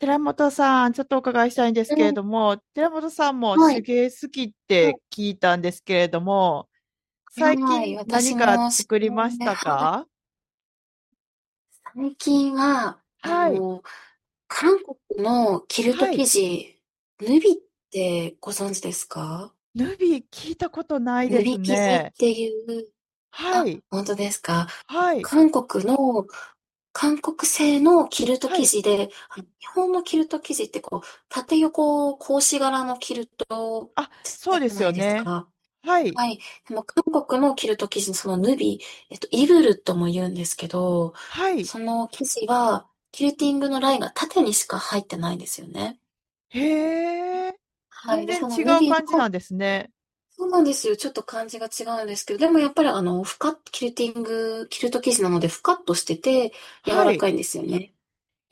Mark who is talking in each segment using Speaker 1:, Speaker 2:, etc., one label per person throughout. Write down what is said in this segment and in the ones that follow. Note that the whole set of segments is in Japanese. Speaker 1: 寺本さん、ちょっとお伺いしたいんです
Speaker 2: う
Speaker 1: けれ
Speaker 2: ん、
Speaker 1: ども、寺本さんも
Speaker 2: は
Speaker 1: 手
Speaker 2: い。
Speaker 1: 芸好きっ
Speaker 2: うん
Speaker 1: て聞いたんですけれども、
Speaker 2: はい
Speaker 1: 最
Speaker 2: はい
Speaker 1: 近何
Speaker 2: 私
Speaker 1: か
Speaker 2: も、そ
Speaker 1: 作りまし
Speaker 2: れ
Speaker 1: た
Speaker 2: はい。
Speaker 1: か？
Speaker 2: 最近は、
Speaker 1: はい、
Speaker 2: 韓国のキルト
Speaker 1: は
Speaker 2: 生
Speaker 1: い。
Speaker 2: 地、ヌビってご存知ですか？
Speaker 1: ヌビ聞いたことないで
Speaker 2: ヌビ
Speaker 1: す
Speaker 2: 生地っ
Speaker 1: ね。
Speaker 2: ていう、
Speaker 1: は
Speaker 2: あ、
Speaker 1: い、
Speaker 2: 本当ですか。
Speaker 1: はい、
Speaker 2: 韓国の、韓国製のキルト
Speaker 1: は
Speaker 2: 生
Speaker 1: い。
Speaker 2: 地で、日本のキルト生地ってこう、縦横格子柄のキルト
Speaker 1: あ、そ
Speaker 2: じ
Speaker 1: うで
Speaker 2: ゃ
Speaker 1: す
Speaker 2: な
Speaker 1: よ
Speaker 2: いです
Speaker 1: ね。
Speaker 2: か。
Speaker 1: はい、
Speaker 2: はい。でも韓国のキルト生地のそのヌビ、イブルとも言うんですけど、
Speaker 1: はい。
Speaker 2: その生地は、キルティングのラインが縦にしか入ってないんですよね。
Speaker 1: へえ。
Speaker 2: はい。
Speaker 1: 全
Speaker 2: で、
Speaker 1: 然
Speaker 2: その
Speaker 1: 違
Speaker 2: ヌ
Speaker 1: う
Speaker 2: ビの、
Speaker 1: 感じなんですね。
Speaker 2: そうなんですよ。ちょっと感じが違うんですけど、でもやっぱりふかっ、キルティング、キルト生地なので、ふかっとしてて、柔
Speaker 1: は
Speaker 2: らか
Speaker 1: い。
Speaker 2: いんですよね。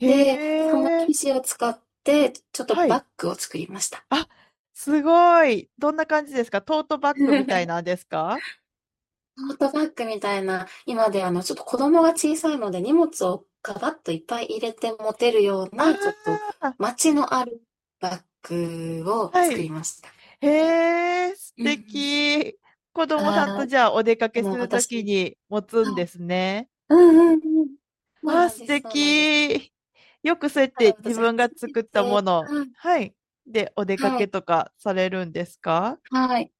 Speaker 1: へ
Speaker 2: で、その
Speaker 1: え。
Speaker 2: 生地を使って、ちょっと
Speaker 1: は
Speaker 2: バ
Speaker 1: い。
Speaker 2: ッグを作りました。
Speaker 1: あ、すごい。どんな感じですか？トートバッグみたい なんですか？
Speaker 2: トートバッグみたいな、今でちょっと子供が小さいので荷物をガバッといっぱい入れて持てるような、ちょっと
Speaker 1: ああー、
Speaker 2: 街のあるバッグを
Speaker 1: は
Speaker 2: 作
Speaker 1: い。
Speaker 2: りました。
Speaker 1: へえ、素
Speaker 2: うん
Speaker 1: 敵。子
Speaker 2: うん。
Speaker 1: 供さん
Speaker 2: は
Speaker 1: と
Speaker 2: い。
Speaker 1: じゃあお出か
Speaker 2: で
Speaker 1: けす
Speaker 2: も
Speaker 1: るとき
Speaker 2: 私
Speaker 1: に持つん
Speaker 2: は
Speaker 1: で
Speaker 2: い。
Speaker 1: すね。
Speaker 2: うんうんうん。そう
Speaker 1: あー、
Speaker 2: なん
Speaker 1: 素
Speaker 2: ですそうなんです。
Speaker 1: 敵。よくそうやっ
Speaker 2: た
Speaker 1: て
Speaker 2: だ
Speaker 1: 自
Speaker 2: 私初
Speaker 1: 分が
Speaker 2: め
Speaker 1: 作った
Speaker 2: て
Speaker 1: もの、
Speaker 2: はい、
Speaker 1: はい。で、お出か
Speaker 2: は
Speaker 1: け
Speaker 2: い、
Speaker 1: とかされるんですか？
Speaker 2: はい。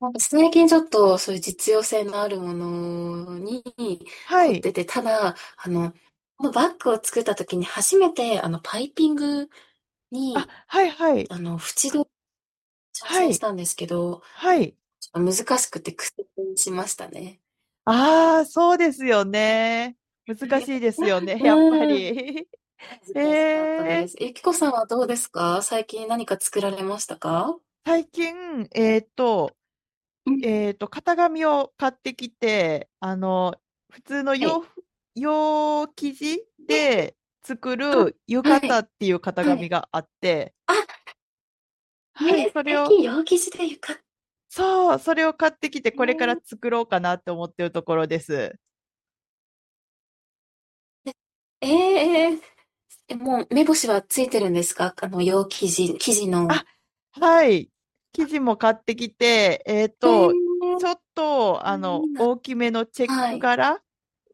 Speaker 2: なんか最近ちょっとそういう実用性のあるものに
Speaker 1: は
Speaker 2: 凝っ
Speaker 1: い。
Speaker 2: てて、ただ、このバッグを作った時に初めてパイピング
Speaker 1: あ、
Speaker 2: に、
Speaker 1: はいはい。
Speaker 2: 縁取り挑
Speaker 1: は
Speaker 2: 戦し
Speaker 1: い。
Speaker 2: たんですけど、
Speaker 1: はい。
Speaker 2: ちょっと難しくて苦戦しましたね。
Speaker 1: ああ、そうですよね。難し いですよね、
Speaker 2: う
Speaker 1: やっぱ
Speaker 2: ーん、
Speaker 1: り。
Speaker 2: 恥
Speaker 1: え
Speaker 2: ずかしかったで
Speaker 1: ー、
Speaker 2: す。ゆきこさんはどうですか？最近何か作られましたか？
Speaker 1: 最近、
Speaker 2: うん、
Speaker 1: 型紙を買ってきて、普通の
Speaker 2: は
Speaker 1: 洋
Speaker 2: い。
Speaker 1: 服、洋生地
Speaker 2: え、
Speaker 1: で作る浴
Speaker 2: はい、
Speaker 1: 衣っていう型
Speaker 2: は
Speaker 1: 紙
Speaker 2: い。
Speaker 1: があって、
Speaker 2: あ、ね
Speaker 1: はい、
Speaker 2: 素
Speaker 1: それを、
Speaker 2: 敵、陽生地で浴衣
Speaker 1: そう、それを買ってきて、これから
Speaker 2: ね。
Speaker 1: 作ろうかなって思ってるところです。
Speaker 2: ええええ、もう目星はついてるんですか？洋生地、生地
Speaker 1: あ、
Speaker 2: の。
Speaker 1: はい、生地も買ってきて、
Speaker 2: ええ
Speaker 1: ち
Speaker 2: ー、
Speaker 1: ょっ
Speaker 2: あ、
Speaker 1: と、
Speaker 2: いいな。
Speaker 1: 大きめのチェッ
Speaker 2: は
Speaker 1: ク
Speaker 2: い。
Speaker 1: 柄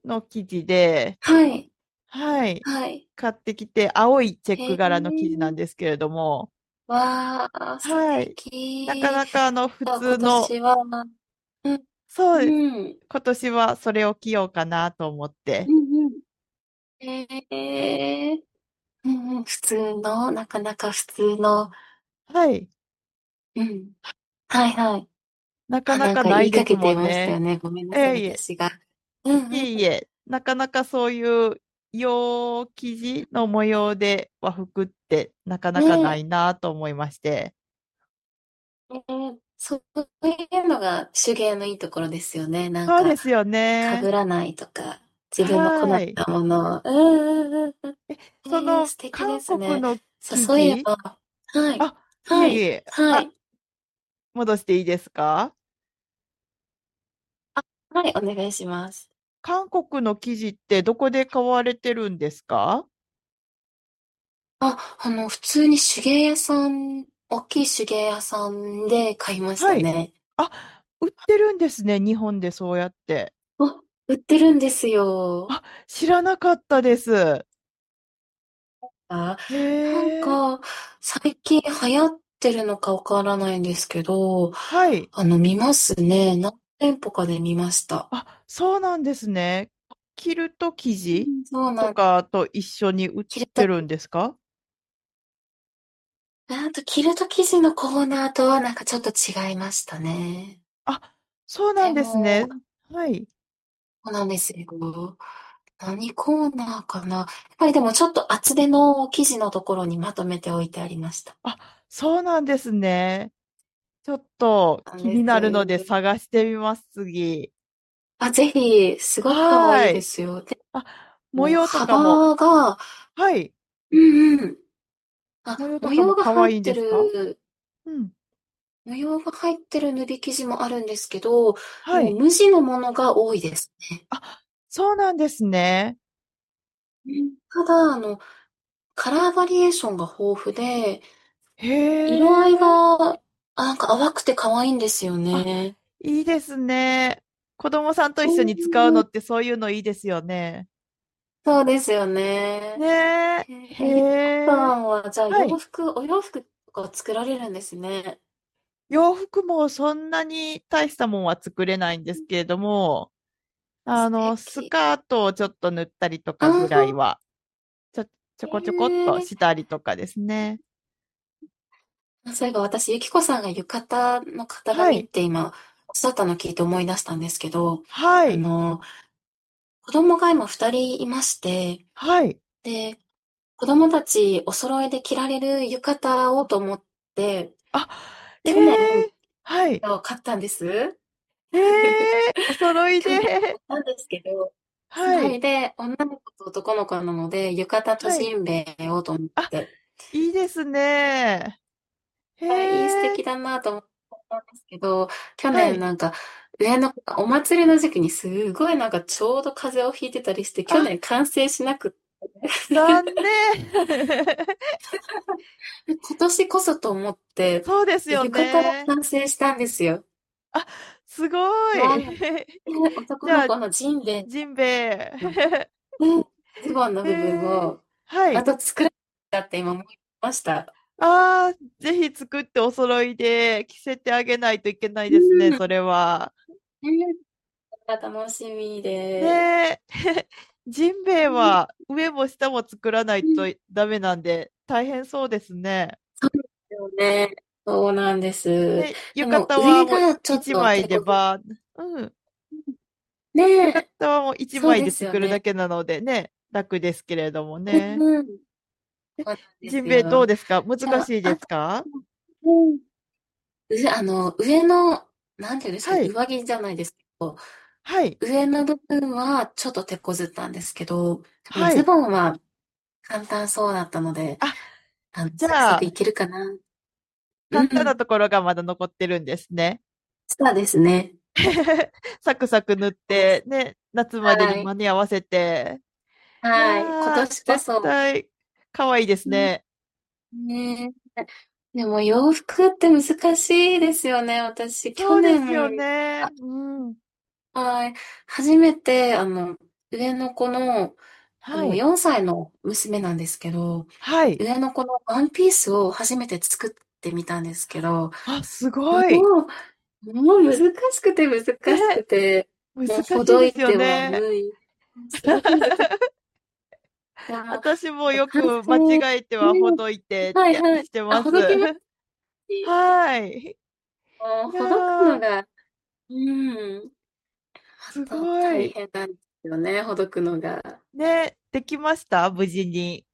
Speaker 1: の生地で、
Speaker 2: はい。
Speaker 1: はい。
Speaker 2: はい。
Speaker 1: 買ってきて、青いチェッ
Speaker 2: へ
Speaker 1: ク
Speaker 2: え。
Speaker 1: 柄の生地なんですけれども、
Speaker 2: わあ、素
Speaker 1: はい。なか
Speaker 2: 敵。
Speaker 1: なか普
Speaker 2: あ、
Speaker 1: 通
Speaker 2: 今
Speaker 1: の、
Speaker 2: 年は、うん、
Speaker 1: そうです。
Speaker 2: うん、
Speaker 1: 今年はそれを着ようかなと思っ
Speaker 2: う
Speaker 1: て。
Speaker 2: ん、うん。ええうんうん、普通の、なかなか普通の、
Speaker 1: はい。
Speaker 2: うん。はいはい。
Speaker 1: なか
Speaker 2: あ、
Speaker 1: な
Speaker 2: なん
Speaker 1: か
Speaker 2: か
Speaker 1: な
Speaker 2: 言
Speaker 1: い
Speaker 2: い
Speaker 1: で
Speaker 2: か
Speaker 1: す
Speaker 2: け
Speaker 1: も
Speaker 2: て
Speaker 1: ん
Speaker 2: ましたよ
Speaker 1: ね。
Speaker 2: ね。ごめんな
Speaker 1: え
Speaker 2: さい、
Speaker 1: えいえ、
Speaker 2: 私が。う
Speaker 1: い
Speaker 2: んう
Speaker 1: えい
Speaker 2: ん
Speaker 1: え、なかなかそういう洋生地
Speaker 2: う
Speaker 1: の
Speaker 2: ん。
Speaker 1: 模様で和服ってなかなかな
Speaker 2: ね
Speaker 1: いなと思いまして。
Speaker 2: え、ええそういうのが手芸のいいところですよね。なん
Speaker 1: そう
Speaker 2: か、
Speaker 1: ですよ
Speaker 2: 被
Speaker 1: ね。
Speaker 2: らないとか、自分の好み
Speaker 1: は
Speaker 2: な
Speaker 1: い。
Speaker 2: ものを。うんうんうん。
Speaker 1: そ
Speaker 2: ええ、
Speaker 1: の
Speaker 2: 素敵で
Speaker 1: 韓
Speaker 2: す
Speaker 1: 国
Speaker 2: ね。
Speaker 1: の
Speaker 2: さ、
Speaker 1: 生
Speaker 2: そういえ
Speaker 1: 地、
Speaker 2: ばはい。
Speaker 1: あ、い
Speaker 2: は
Speaker 1: えい
Speaker 2: い。
Speaker 1: え、
Speaker 2: は
Speaker 1: あ、
Speaker 2: い。
Speaker 1: 戻していいですか？
Speaker 2: はい、お願いします。
Speaker 1: 韓国の生地ってどこで買われてるんですか？
Speaker 2: あ、普通に手芸屋さん大きい手芸屋さんで買いまし
Speaker 1: は
Speaker 2: た
Speaker 1: い。
Speaker 2: ね。
Speaker 1: あ、売ってるんですね、日本でそうやって。
Speaker 2: あ、売ってるんですよ。
Speaker 1: あ、知らなかったです。
Speaker 2: あ、
Speaker 1: へ
Speaker 2: なん
Speaker 1: え、
Speaker 2: か、最近流行ってるのかわからないんですけど、
Speaker 1: はい。
Speaker 2: 見ますね。何店舗かで見ました。
Speaker 1: あ、そうなんですね。キルト生
Speaker 2: う
Speaker 1: 地
Speaker 2: ん、そう
Speaker 1: と
Speaker 2: なの。
Speaker 1: かと一緒に売っ
Speaker 2: キル
Speaker 1: て
Speaker 2: ト
Speaker 1: るんですか？
Speaker 2: あとキルト生地のコーナーとはなんかちょっと違いましたね。
Speaker 1: あ、そうな
Speaker 2: で
Speaker 1: んです
Speaker 2: も、
Speaker 1: ね。はい。
Speaker 2: そうなんですよ。何コーナーかな。やっぱりでもちょっと厚手の生地のところにまとめておいてありました。
Speaker 1: あ、そうなんですね。ちょっと
Speaker 2: なん
Speaker 1: 気
Speaker 2: で
Speaker 1: に
Speaker 2: す。
Speaker 1: なるので探してみます、次。
Speaker 2: あ、ぜひ、すごく可愛い
Speaker 1: はー
Speaker 2: で
Speaker 1: い。
Speaker 2: すよ。で
Speaker 1: あ、模
Speaker 2: も、
Speaker 1: 様とかも、
Speaker 2: 幅が、
Speaker 1: はい。
Speaker 2: うんうん。あ、
Speaker 1: 模様とかも可愛いんですか？うん。
Speaker 2: 模様が入ってる縫い生地もあるんですけど、
Speaker 1: は
Speaker 2: もう
Speaker 1: い。
Speaker 2: 無地のものが多いですね。
Speaker 1: あ、そうなんですね。
Speaker 2: うんただ、カラーバリエーションが豊富で、
Speaker 1: へ
Speaker 2: 色合いが、
Speaker 1: え。
Speaker 2: あ、なんか淡くて可愛いんですよ
Speaker 1: あ、
Speaker 2: ね。
Speaker 1: いいですね。子供さんと
Speaker 2: う
Speaker 1: 一緒に使う
Speaker 2: ー
Speaker 1: の
Speaker 2: ん、
Speaker 1: ってそういうのいいですよね。
Speaker 2: そうですよ
Speaker 1: ね
Speaker 2: ね。
Speaker 1: え。へ
Speaker 2: えゆきさ
Speaker 1: え。
Speaker 2: んは、じゃあ
Speaker 1: はい。
Speaker 2: お洋服とか作られるんですね。
Speaker 1: 洋服もそんなに大したもんは作れないんですけれども、
Speaker 2: 素
Speaker 1: ス
Speaker 2: 敵。
Speaker 1: カートをちょっと塗ったりと
Speaker 2: あ
Speaker 1: か
Speaker 2: あ、
Speaker 1: ぐらいは、ちょ、ちょこちょこっと
Speaker 2: ええ
Speaker 1: したりとかですね。
Speaker 2: あ、そういえば私、ゆきこさんが浴衣の型
Speaker 1: は
Speaker 2: 紙っ
Speaker 1: い、
Speaker 2: て今、おっしゃったの聞いて思い出したんですけど、
Speaker 1: は
Speaker 2: あ
Speaker 1: い、
Speaker 2: の、子供が今二人いまして、
Speaker 1: はい。
Speaker 2: で、子供たちお揃いで着られる浴衣をと思って、
Speaker 1: あ、え
Speaker 2: 去年
Speaker 1: えはい、
Speaker 2: そう、買ったんです。
Speaker 1: え えお揃いで、
Speaker 2: 去年買ったんですけど、そ
Speaker 1: は
Speaker 2: れ
Speaker 1: い、
Speaker 2: で女の子と男の子なので、浴衣と
Speaker 1: は
Speaker 2: ジ
Speaker 1: い。
Speaker 2: ンベエをと思っ
Speaker 1: あ、
Speaker 2: て、
Speaker 1: いいですね。へ
Speaker 2: あ、いい素
Speaker 1: え、
Speaker 2: 敵だなと思っったんですけど、去
Speaker 1: は
Speaker 2: 年
Speaker 1: い。
Speaker 2: なんか上の子がお祭りの時期にすごいなんかちょうど風邪をひいてたりして、去
Speaker 1: あ、
Speaker 2: 年完成しなくって
Speaker 1: 残 念。
Speaker 2: で今年こそと思って、
Speaker 1: そうです
Speaker 2: で
Speaker 1: よ
Speaker 2: 浴衣が
Speaker 1: ね。
Speaker 2: 完成したんですよ。
Speaker 1: あ、すごい。
Speaker 2: わあ、で、
Speaker 1: じ
Speaker 2: 男の
Speaker 1: ゃあ、
Speaker 2: 子のジンベエ
Speaker 1: ジンベ
Speaker 2: あの、
Speaker 1: エ。
Speaker 2: うん、ズボンの
Speaker 1: え
Speaker 2: 部分
Speaker 1: ー、
Speaker 2: を、
Speaker 1: は
Speaker 2: あ
Speaker 1: い。
Speaker 2: と作らなきゃって今思いました。
Speaker 1: ああ、ぜひ作ってお揃いで着せてあげないといけない
Speaker 2: う
Speaker 1: です
Speaker 2: ん、
Speaker 1: ね、
Speaker 2: ね
Speaker 1: それは。
Speaker 2: え。楽しみ
Speaker 1: ね
Speaker 2: で。
Speaker 1: え、ジンベエ
Speaker 2: うん
Speaker 1: は上も下も作らな
Speaker 2: う
Speaker 1: いと
Speaker 2: ん。
Speaker 1: ダメなんで大変そうですね。
Speaker 2: よね。そうなんです。
Speaker 1: で、
Speaker 2: で
Speaker 1: 浴
Speaker 2: も
Speaker 1: 衣は
Speaker 2: 上
Speaker 1: もう
Speaker 2: が
Speaker 1: い
Speaker 2: ちょっ
Speaker 1: 一
Speaker 2: と
Speaker 1: 枚
Speaker 2: 手
Speaker 1: で
Speaker 2: こず
Speaker 1: ば、うん、
Speaker 2: ね
Speaker 1: 浴衣
Speaker 2: え、
Speaker 1: はもう一
Speaker 2: そう
Speaker 1: 枚
Speaker 2: で
Speaker 1: で
Speaker 2: すよ
Speaker 1: 作るだ
Speaker 2: ね。
Speaker 1: けなのでね、楽ですけれども
Speaker 2: うん
Speaker 1: ね。
Speaker 2: うん。そうなんで
Speaker 1: ジン
Speaker 2: す
Speaker 1: ベエどう
Speaker 2: よ。
Speaker 1: ですか？難しいで
Speaker 2: あ
Speaker 1: す
Speaker 2: と、
Speaker 1: か？
Speaker 2: うん。うあの、上の、なんていうんですか
Speaker 1: は
Speaker 2: ね、
Speaker 1: い、
Speaker 2: 上着じゃないですけど、
Speaker 1: はい、
Speaker 2: 上の部分はちょっと手こずったんですけど、でも
Speaker 1: は
Speaker 2: ズ
Speaker 1: い。
Speaker 2: ボンは簡単そうだったので、
Speaker 1: あ、
Speaker 2: うん、
Speaker 1: じ
Speaker 2: サク
Speaker 1: ゃ
Speaker 2: サクい
Speaker 1: あ、
Speaker 2: けるかな。う
Speaker 1: 簡単な
Speaker 2: ん、
Speaker 1: ところがまだ残ってるんですね。
Speaker 2: そうですね。
Speaker 1: サクサク塗っ
Speaker 2: この
Speaker 1: て、ね、夏まで
Speaker 2: は
Speaker 1: に
Speaker 2: い、
Speaker 1: 間に合わせて。い
Speaker 2: はい、今
Speaker 1: やー、
Speaker 2: 年こ
Speaker 1: 絶
Speaker 2: そ。
Speaker 1: 対可愛いです
Speaker 2: うん、
Speaker 1: ね。
Speaker 2: ねえ。でも洋服って難しいですよね。私、去
Speaker 1: そうですよ
Speaker 2: 年、
Speaker 1: ね。うん。
Speaker 2: はい、初めて、上の子の、
Speaker 1: はい。
Speaker 2: 4歳の娘なんですけど、
Speaker 1: はい。
Speaker 2: 上の子のワンピースを初めて作ってみたんですけど、
Speaker 1: あ、すごい。
Speaker 2: もうもう難しくて難しく
Speaker 1: ね、
Speaker 2: て、もう
Speaker 1: 難
Speaker 2: ほ
Speaker 1: しい
Speaker 2: ど
Speaker 1: で
Speaker 2: い
Speaker 1: すよ
Speaker 2: ては
Speaker 1: ね。
Speaker 2: 縫い、すごく難しく て、も
Speaker 1: 私も
Speaker 2: う、
Speaker 1: よ
Speaker 2: 完
Speaker 1: く
Speaker 2: 成、
Speaker 1: 間
Speaker 2: ね、
Speaker 1: 違えてはほどいてっ
Speaker 2: はい
Speaker 1: て
Speaker 2: はい。
Speaker 1: して
Speaker 2: あ、
Speaker 1: ま
Speaker 2: ほ
Speaker 1: す。
Speaker 2: どきます し
Speaker 1: はい。
Speaker 2: も
Speaker 1: い
Speaker 2: うほどく
Speaker 1: や
Speaker 2: の
Speaker 1: ー、
Speaker 2: が、うん、
Speaker 1: すご
Speaker 2: また大
Speaker 1: い。
Speaker 2: 変なんですよね、ほどくのが。
Speaker 1: ね、できました無事に。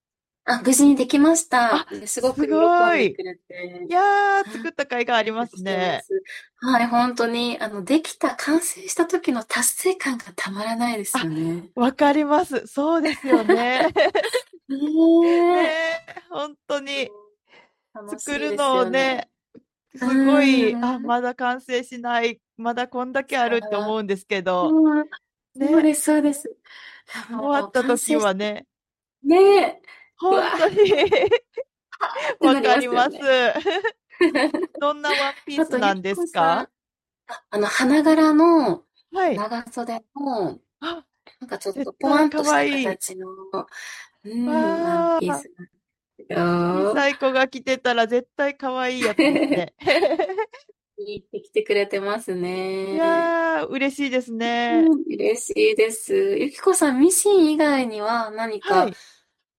Speaker 2: あ、無事にできました。
Speaker 1: あ、
Speaker 2: で、すごく
Speaker 1: す
Speaker 2: 喜
Speaker 1: ご
Speaker 2: んでく
Speaker 1: い。
Speaker 2: れて、う
Speaker 1: いやー、
Speaker 2: ん
Speaker 1: 作った甲斐があ
Speaker 2: よ
Speaker 1: りま
Speaker 2: く
Speaker 1: す
Speaker 2: 来てま
Speaker 1: ね。
Speaker 2: す。はい、本当に、できた、完成した時の達成感がたまらないですよね。
Speaker 1: わかります。そうですよね。ね
Speaker 2: ねえ。
Speaker 1: え、本当に。
Speaker 2: 楽し
Speaker 1: 作
Speaker 2: い
Speaker 1: る
Speaker 2: です
Speaker 1: のを
Speaker 2: よね。
Speaker 1: ね、
Speaker 2: う
Speaker 1: すごい、あ、
Speaker 2: ーん。
Speaker 1: まだ完成しない、まだこんだけあるって
Speaker 2: あー
Speaker 1: 思うんですけど、
Speaker 2: うん、そう
Speaker 1: ね、
Speaker 2: です、そうです。
Speaker 1: 終わ
Speaker 2: もう
Speaker 1: った
Speaker 2: 完
Speaker 1: 時
Speaker 2: 成し
Speaker 1: は
Speaker 2: て、
Speaker 1: ね、
Speaker 2: ねえ、うわ
Speaker 1: 本当に
Speaker 2: ーって
Speaker 1: わ
Speaker 2: なり
Speaker 1: か
Speaker 2: ま
Speaker 1: り
Speaker 2: すよ
Speaker 1: ます。
Speaker 2: ね。
Speaker 1: どんなワンピー
Speaker 2: あ
Speaker 1: ス
Speaker 2: と、ゆ
Speaker 1: なん
Speaker 2: き
Speaker 1: で
Speaker 2: こ
Speaker 1: す
Speaker 2: さん、
Speaker 1: か？
Speaker 2: 花柄の
Speaker 1: はい。
Speaker 2: 長袖の、
Speaker 1: あ、
Speaker 2: なんかちょっ
Speaker 1: 絶
Speaker 2: とポワ
Speaker 1: 対
Speaker 2: ン
Speaker 1: 可
Speaker 2: とした
Speaker 1: 愛いい。
Speaker 2: 形の、うん、ワン
Speaker 1: わ
Speaker 2: ピー
Speaker 1: あ、
Speaker 2: スなんです
Speaker 1: 小さ
Speaker 2: よ。
Speaker 1: い子が着てたら絶対可愛いいやつですね。
Speaker 2: いいってきてくれてます
Speaker 1: い
Speaker 2: ね。
Speaker 1: やー、嬉しいですね。
Speaker 2: うん、嬉しいです。ゆきこさん、ミシン以外には何
Speaker 1: は
Speaker 2: か
Speaker 1: い。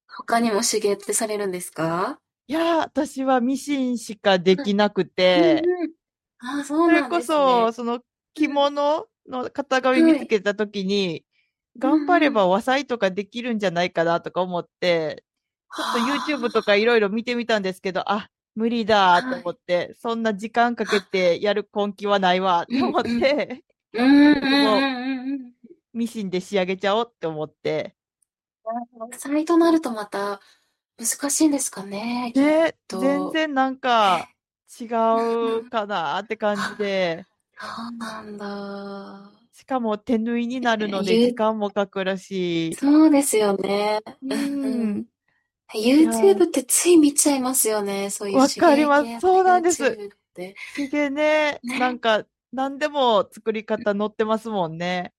Speaker 2: 他にも手芸ってされるんですか？
Speaker 1: いやー、私はミシンしかで
Speaker 2: はい。
Speaker 1: きなく
Speaker 2: う
Speaker 1: て、
Speaker 2: んうん。ああ、そう
Speaker 1: それ
Speaker 2: なん
Speaker 1: こ
Speaker 2: です
Speaker 1: そ、
Speaker 2: ね。
Speaker 1: その
Speaker 2: は
Speaker 1: 着物の型
Speaker 2: い。
Speaker 1: 紙
Speaker 2: は
Speaker 1: 見つ
Speaker 2: い。
Speaker 1: けたときに、
Speaker 2: うん
Speaker 1: 頑張れ
Speaker 2: う
Speaker 1: ば
Speaker 2: ん。
Speaker 1: 和裁とかできるんじゃないかなとか思って、ちょっと YouTube とかい
Speaker 2: あ
Speaker 1: ろいろ見てみたんですけど、あ、無理だ
Speaker 2: あ、
Speaker 1: と
Speaker 2: は
Speaker 1: 思
Speaker 2: い。
Speaker 1: って、そんな時間かけ
Speaker 2: あ、
Speaker 1: てやる根気はないわっ
Speaker 2: う
Speaker 1: て
Speaker 2: ん
Speaker 1: 思
Speaker 2: う
Speaker 1: っ
Speaker 2: ん。
Speaker 1: て、
Speaker 2: う
Speaker 1: 結
Speaker 2: んうん
Speaker 1: 局も
Speaker 2: うんうん
Speaker 1: うミシンで仕上げちゃおうって思って、
Speaker 2: うん。サイトなるとまた難しいんですかね、きっ
Speaker 1: ね、全
Speaker 2: と。
Speaker 1: 然なんか違
Speaker 2: うんう
Speaker 1: う
Speaker 2: ん
Speaker 1: かなって感じで、
Speaker 2: そうなんだ。
Speaker 1: しかも手縫いにな
Speaker 2: え
Speaker 1: るので時
Speaker 2: ー、う
Speaker 1: 間もかかるし、
Speaker 2: そうですよね。
Speaker 1: う
Speaker 2: うん
Speaker 1: ん、
Speaker 2: う
Speaker 1: い
Speaker 2: ん。
Speaker 1: や
Speaker 2: YouTube っ
Speaker 1: ー、
Speaker 2: てつい見ちゃいますよね。そういう
Speaker 1: わ
Speaker 2: 手
Speaker 1: かり
Speaker 2: 芸
Speaker 1: ま
Speaker 2: 系
Speaker 1: す。
Speaker 2: の
Speaker 1: そうなんです。
Speaker 2: YouTube って。
Speaker 1: 手芸ね、なん
Speaker 2: ね。
Speaker 1: か何でも作り方載ってますもんね。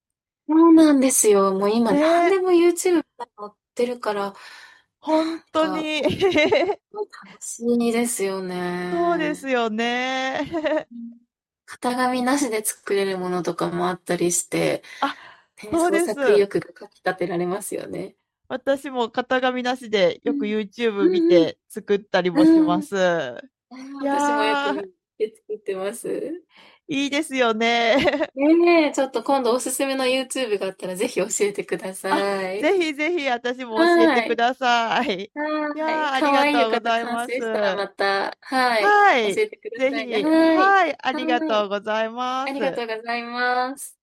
Speaker 2: そうなんですよ。もう今何
Speaker 1: ね、
Speaker 2: でも YouTube に載ってるから、なん
Speaker 1: 本当
Speaker 2: か
Speaker 1: に
Speaker 2: 楽しいですよ
Speaker 1: そうです
Speaker 2: ね。
Speaker 1: よね。
Speaker 2: 型紙なしで作れるものとかもあったりして、
Speaker 1: あ、
Speaker 2: ね、
Speaker 1: そう
Speaker 2: 創
Speaker 1: で
Speaker 2: 作意
Speaker 1: す。
Speaker 2: 欲がかき立てられますよね。
Speaker 1: 私も型紙なしで
Speaker 2: う
Speaker 1: よく
Speaker 2: ん。
Speaker 1: YouTube 見
Speaker 2: うん
Speaker 1: て作ったり
Speaker 2: う
Speaker 1: もし
Speaker 2: ん。
Speaker 1: ま
Speaker 2: うん。
Speaker 1: す。い
Speaker 2: 私もよく
Speaker 1: やー、
Speaker 2: 見て作ってます。
Speaker 1: いいですよね。
Speaker 2: ねえ、ちょっと今度おすすめの YouTube があったらぜひ教えてくだ さ
Speaker 1: あ、
Speaker 2: い。
Speaker 1: ぜひぜひ私も教え
Speaker 2: は
Speaker 1: てく
Speaker 2: い。
Speaker 1: ださい。いや
Speaker 2: はい。
Speaker 1: ー、あ
Speaker 2: か
Speaker 1: り
Speaker 2: わ
Speaker 1: が
Speaker 2: いい
Speaker 1: とう
Speaker 2: 浴
Speaker 1: ご
Speaker 2: 衣
Speaker 1: ざい
Speaker 2: 完
Speaker 1: ま
Speaker 2: 成
Speaker 1: す。
Speaker 2: したらまた、はい。
Speaker 1: は
Speaker 2: 教
Speaker 1: い、
Speaker 2: えてくだ
Speaker 1: ぜ
Speaker 2: さいね。
Speaker 1: ひ、
Speaker 2: はい。
Speaker 1: はい、ありが
Speaker 2: は
Speaker 1: とう
Speaker 2: い。
Speaker 1: ございま
Speaker 2: ありが
Speaker 1: す。
Speaker 2: とうございます。